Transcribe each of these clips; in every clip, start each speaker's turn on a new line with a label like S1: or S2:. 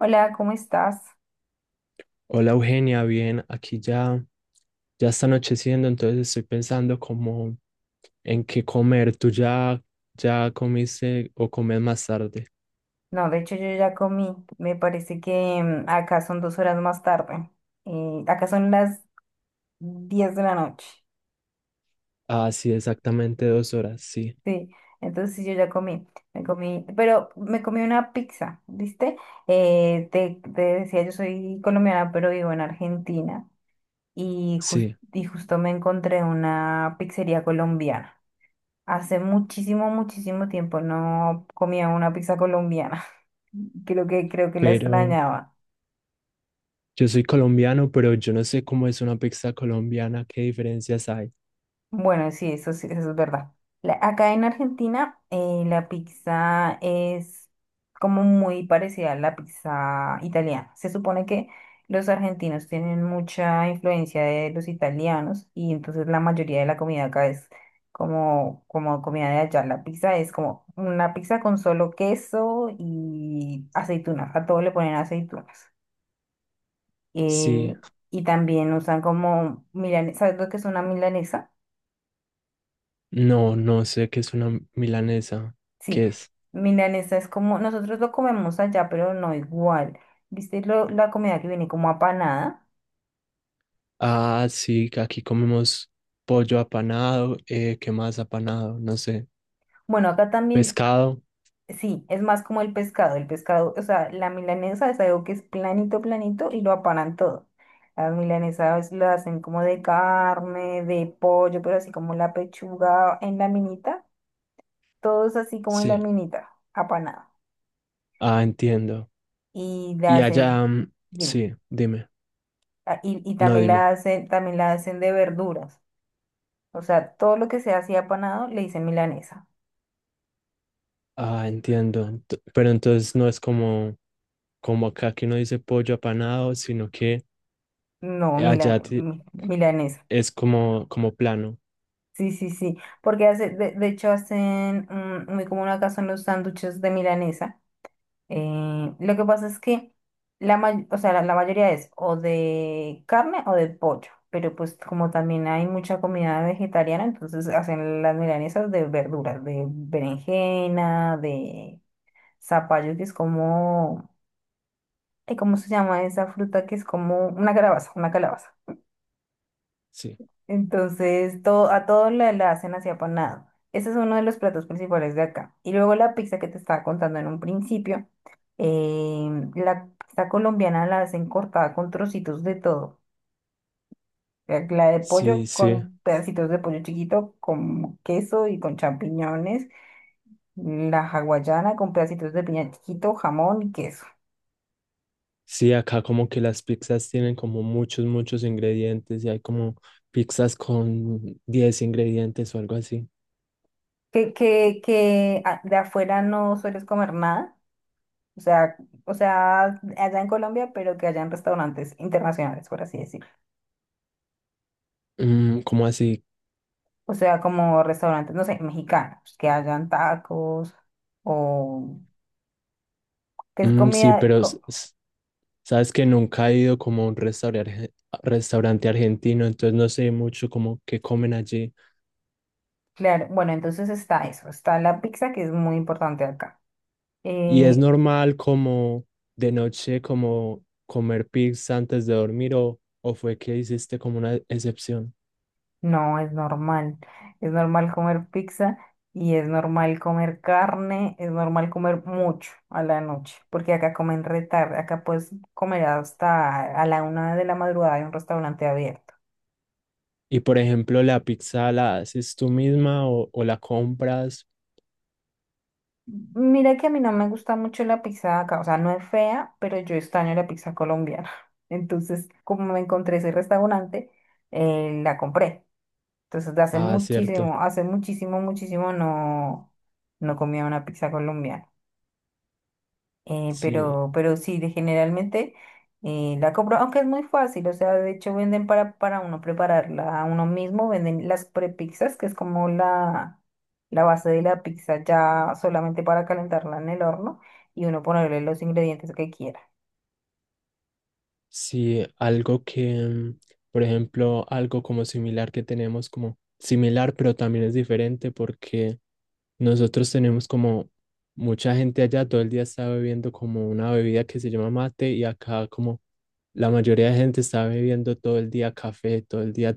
S1: Hola, ¿cómo estás?
S2: Hola Eugenia, bien, aquí ya está anocheciendo, entonces estoy pensando como en qué comer. ¿Tú ya comiste o comes más tarde?
S1: No, de hecho yo ya comí. Me parece que acá son dos horas más tarde. Acá son las 10 de la noche.
S2: Ah, sí, exactamente 2 horas, sí,
S1: Sí, entonces sí, yo ya comí. Me comí, pero me comí una pizza, ¿viste? Te decía, yo soy colombiana, pero vivo en Argentina y,
S2: sí,
S1: y justo me encontré una pizzería colombiana. Hace muchísimo, muchísimo tiempo no comía una pizza colombiana. Creo que la
S2: pero
S1: extrañaba.
S2: yo soy colombiano, pero yo no sé cómo es una pizza colombiana, qué diferencias hay.
S1: Bueno, sí, eso es verdad. Acá en Argentina, la pizza es como muy parecida a la pizza italiana. Se supone que los argentinos tienen mucha influencia de los italianos y entonces la mayoría de la comida acá es como, como comida de allá. La pizza es como una pizza con solo queso y aceitunas. A todo le ponen aceitunas.
S2: Sí,
S1: Eh, y también usan como milanesa. ¿Sabes lo que es una milanesa?
S2: no, no sé qué es una milanesa,
S1: Sí,
S2: qué es.
S1: milanesa es como, nosotros lo comemos allá, pero no igual. ¿Viste la comida que viene como apanada?
S2: Ah, sí, que aquí comemos pollo apanado, ¿qué más apanado? No sé,
S1: Bueno, acá también,
S2: pescado,
S1: sí, es más como el pescado, o sea, la milanesa es algo que es planito, planito y lo apanan todo. Las milanesas lo hacen como de carne, de pollo, pero así como la pechuga en laminita, todo es así como en
S2: sí.
S1: laminita, apanado.
S2: Ah, entiendo.
S1: Y la
S2: Y
S1: hacen,
S2: allá, mm,
S1: dime,
S2: sí, dime.
S1: ah, y
S2: No, dime.
S1: también la hacen de verduras. O sea, todo lo que sea así apanado le dicen milanesa.
S2: Ah, entiendo. Pero entonces no es como, como, acá que uno dice pollo apanado, sino que
S1: No,
S2: allá
S1: milanesa.
S2: es como plano.
S1: Sí, sí, sí. Porque hace, de hecho hacen muy común acá son los sándwiches de milanesa. Lo que pasa es que o sea, la mayoría es o de carne o de pollo. Pero pues como también hay mucha comida vegetariana, entonces hacen las milanesas de verduras, de berenjena, de zapallo, que es como... Ay, ¿cómo se llama esa fruta que es como una calabaza, una calabaza?
S2: Sí.
S1: Entonces, todo, a todo la hacen así apanado. Ese es uno de los platos principales de acá. Y luego la pizza que te estaba contando en un principio, la pizza colombiana la hacen cortada con trocitos de todo. La de pollo
S2: Sí, sí.
S1: con pedacitos de pollo chiquito, con queso y con champiñones. La hawaiana con pedacitos de piña chiquito, jamón y queso.
S2: Sí, acá como que las pizzas tienen como muchos, muchos ingredientes y hay como pizzas con 10 ingredientes o algo así.
S1: Que de afuera no sueles comer nada. O sea, o sea, allá en Colombia, pero que hayan restaurantes internacionales, por así decirlo.
S2: ¿Como así?
S1: O sea, como restaurantes, no sé, mexicanos, que hayan tacos o que es
S2: Mm, sí,
S1: comida,
S2: pero sabes que nunca he ido como a un restaurante, restaurante argentino, entonces no sé mucho como qué comen allí.
S1: claro, bueno, entonces está eso, está la pizza que es muy importante acá.
S2: Y es
S1: Eh,
S2: normal como de noche como comer pizza antes de dormir o fue que hiciste como una excepción.
S1: no, es normal comer pizza y es normal comer carne, es normal comer mucho a la noche, porque acá comen re tarde, acá puedes comer hasta a la una de la madrugada en un restaurante abierto.
S2: Y por ejemplo, la pizza la haces tú misma o la compras.
S1: Mira que a mí no me gusta mucho la pizza acá, o sea, no es fea, pero yo extraño la pizza colombiana. Entonces, como me encontré ese restaurante, la compré. Entonces, de
S2: Ah, cierto.
S1: hace muchísimo, muchísimo no, no comía una pizza colombiana.
S2: Sí,
S1: Pero sí, generalmente la compro, aunque es muy fácil, o sea, de hecho venden para uno prepararla a uno mismo, venden las prepizzas, que es como la base de la pizza ya solamente para calentarla en el horno y uno ponerle los ingredientes que quiera.
S2: sí, algo que, por ejemplo, algo como similar que tenemos como similar, pero también es diferente porque nosotros tenemos como mucha gente allá, todo el día está bebiendo como una bebida que se llama mate y acá como la mayoría de gente está bebiendo todo el día café, todo el día.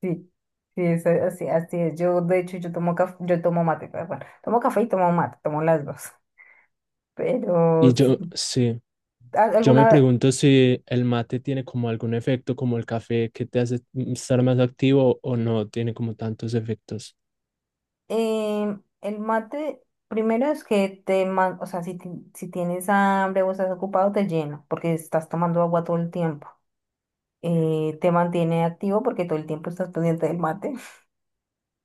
S1: Sí, sí, es así, así es. Yo, de hecho, yo tomo café, yo tomo mate, perdón, tomo café y tomo mate, tomo las dos.
S2: Y
S1: Pero sí,
S2: yo, sí, yo me
S1: ¿alguna
S2: pregunto si el mate tiene como algún efecto como el café que te hace estar más activo o no tiene como tantos efectos.
S1: El mate, primero es que o sea, si, si tienes hambre o estás ocupado, te llena, porque estás tomando agua todo el tiempo. Te mantiene activo porque todo el tiempo estás pendiente del mate.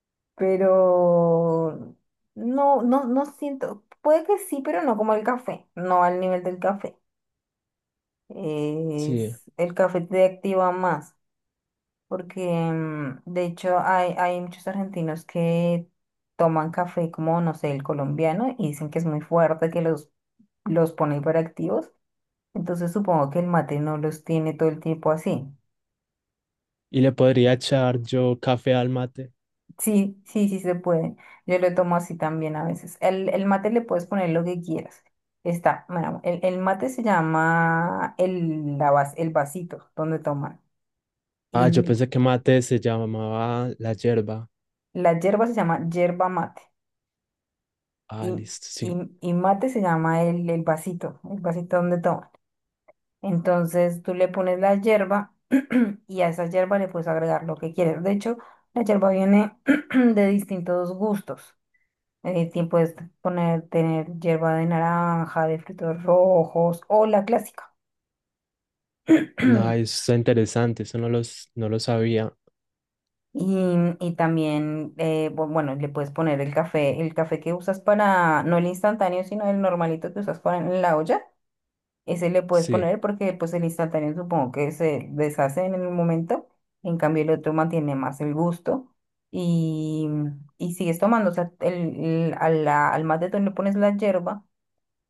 S1: Pero no, no, no siento, puede que sí, pero no como el café, no al nivel del café.
S2: Sí,
S1: Es, el café te activa más. Porque de hecho hay, hay muchos argentinos que toman café como, no sé, el colombiano y dicen que es muy fuerte, que los pone hiperactivos. Entonces supongo que el mate no los tiene todo el tiempo así.
S2: y le podría echar yo café al mate.
S1: Sí, sí, sí se puede. Yo lo tomo así también a veces. El mate le puedes poner lo que quieras. Está, bueno, el mate se llama el, el vasito donde toman.
S2: Ah, yo
S1: Y
S2: pensé que mate se llamaba la yerba.
S1: la hierba se llama yerba mate.
S2: Ah,
S1: y,
S2: listo, sí.
S1: y mate se llama el vasito donde toman. Entonces tú le pones la hierba y a esa hierba le puedes agregar lo que quieres. De hecho, la hierba viene de distintos gustos. Ti puedes poner, tener hierba de naranja, de frutos rojos o la clásica.
S2: No, eso está interesante, eso no lo sabía.
S1: Y, y también, bueno, le puedes poner el café que usas para, no el instantáneo, sino el normalito que usas para en la olla. Ese le puedes
S2: Sí,
S1: poner porque pues el instantáneo supongo que se deshace en el momento, en cambio el otro mantiene más el gusto y, y sigues tomando, o sea, a al mate matetón le pones la yerba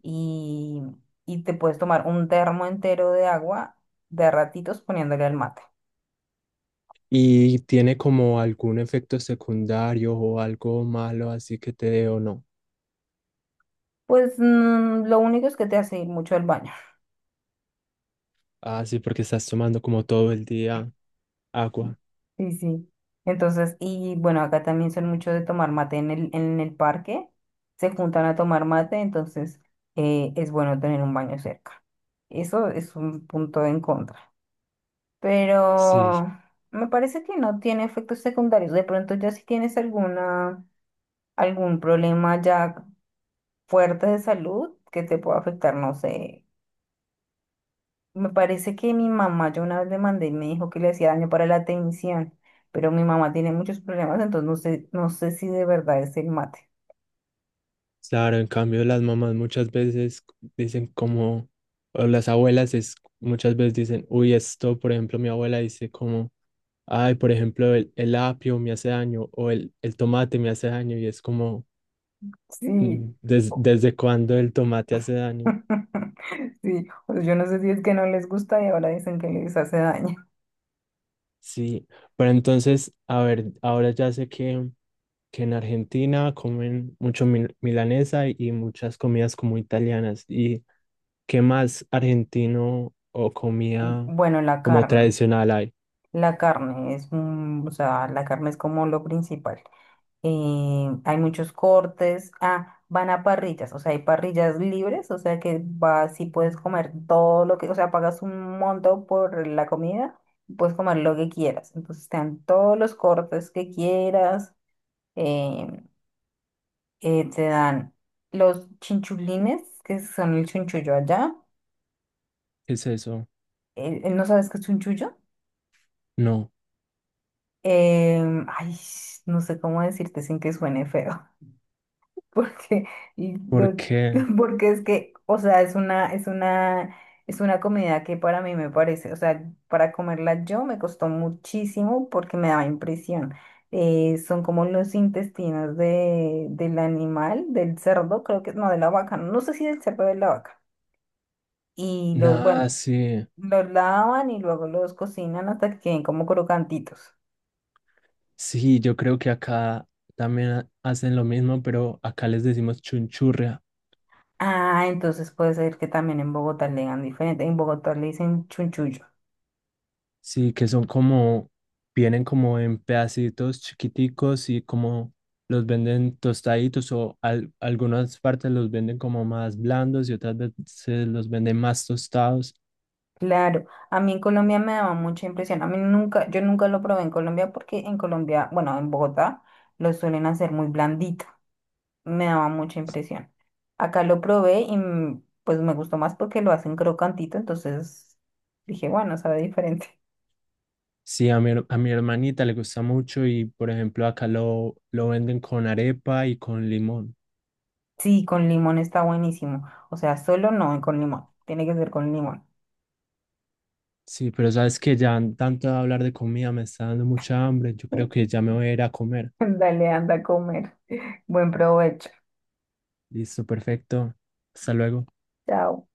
S1: y, y te puedes tomar un termo entero de agua de a ratitos poniéndole al mate.
S2: y tiene como algún efecto secundario o algo malo así que te dé o no.
S1: Pues lo único es que te hace ir mucho al baño.
S2: Ah, sí, porque estás tomando como todo el día agua.
S1: Sí, sí. Entonces, y bueno, acá también son mucho de tomar mate en en el parque. Se juntan a tomar mate, entonces es bueno tener un baño cerca. Eso es un punto en contra.
S2: Sí,
S1: Pero me parece que no tiene efectos secundarios. De pronto ya si tienes alguna, algún problema ya fuerte de salud que te pueda afectar, no sé, me parece que mi mamá, yo una vez le mandé y me dijo que le hacía daño para la atención, pero mi mamá tiene muchos problemas, entonces no sé, no sé si de verdad es el mate.
S2: claro, en cambio las mamás muchas veces dicen como, o las abuelas es, muchas veces dicen, uy, esto, por ejemplo, mi abuela dice como, ay, por ejemplo, el apio me hace daño o el tomate me hace daño y es como,
S1: Sí,
S2: "Mm, ¿desde cuándo el tomate hace daño?
S1: sí, o yo no sé si es que no les gusta y ahora dicen que les hace daño.
S2: Sí, pero entonces, a ver, ahora ya sé que, en Argentina comen mucho milanesa y muchas comidas como italianas. ¿Y qué más argentino o comida
S1: Bueno,
S2: como tradicional hay?
S1: la carne es, o sea, la carne es como lo principal. Eh, hay muchos cortes, ah, van a parrillas, o sea, hay parrillas libres, o sea que vas y puedes comer todo lo que, o sea, pagas un monto por la comida y puedes comer lo que quieras. Entonces te dan todos los cortes que quieras, em, te dan los chinchulines, que son el chunchullo allá.
S2: ¿Qué es eso?
S1: ¿No sabes qué es chunchullo?
S2: No,
S1: Ay, no sé cómo decirte sin que suene feo. porque, y do-
S2: porque
S1: Porque es que, o sea, es una, es una, es una comida que para mí me parece, o sea, para comerla yo me costó muchísimo porque me daba impresión. Son como los intestinos de, del animal, del cerdo, creo que, no, de la vaca, no sé si del cerdo o de la vaca. Y los,
S2: nada,
S1: bueno,
S2: sí,
S1: los lavan y luego los cocinan hasta que queden como crocantitos.
S2: sí, yo creo que acá también hacen lo mismo, pero acá les decimos chunchurria.
S1: Ah, entonces puede ser que también en Bogotá le digan diferente. En Bogotá le dicen chunchullo.
S2: Sí, que son como, vienen como en pedacitos chiquiticos y como los venden tostaditos o algunas partes los venden como más blandos y otras veces los venden más tostados.
S1: Claro, a mí en Colombia me daba mucha impresión. A mí nunca, yo nunca lo probé en Colombia porque en Colombia, bueno, en Bogotá lo suelen hacer muy blandito. Me daba mucha impresión. Acá lo probé y pues me gustó más porque lo hacen crocantito, entonces dije, bueno, sabe diferente.
S2: Sí, a mi hermanita le gusta mucho y por ejemplo acá lo venden con arepa y con limón.
S1: Sí, con limón está buenísimo. O sea, solo no con limón. Tiene que ser con limón.
S2: Sí, pero sabes que ya tanto de hablar de comida me está dando mucha hambre. Yo creo que ya me voy a ir a comer.
S1: Dale, anda a comer. Buen provecho.
S2: Listo, perfecto. Hasta luego.
S1: Chao.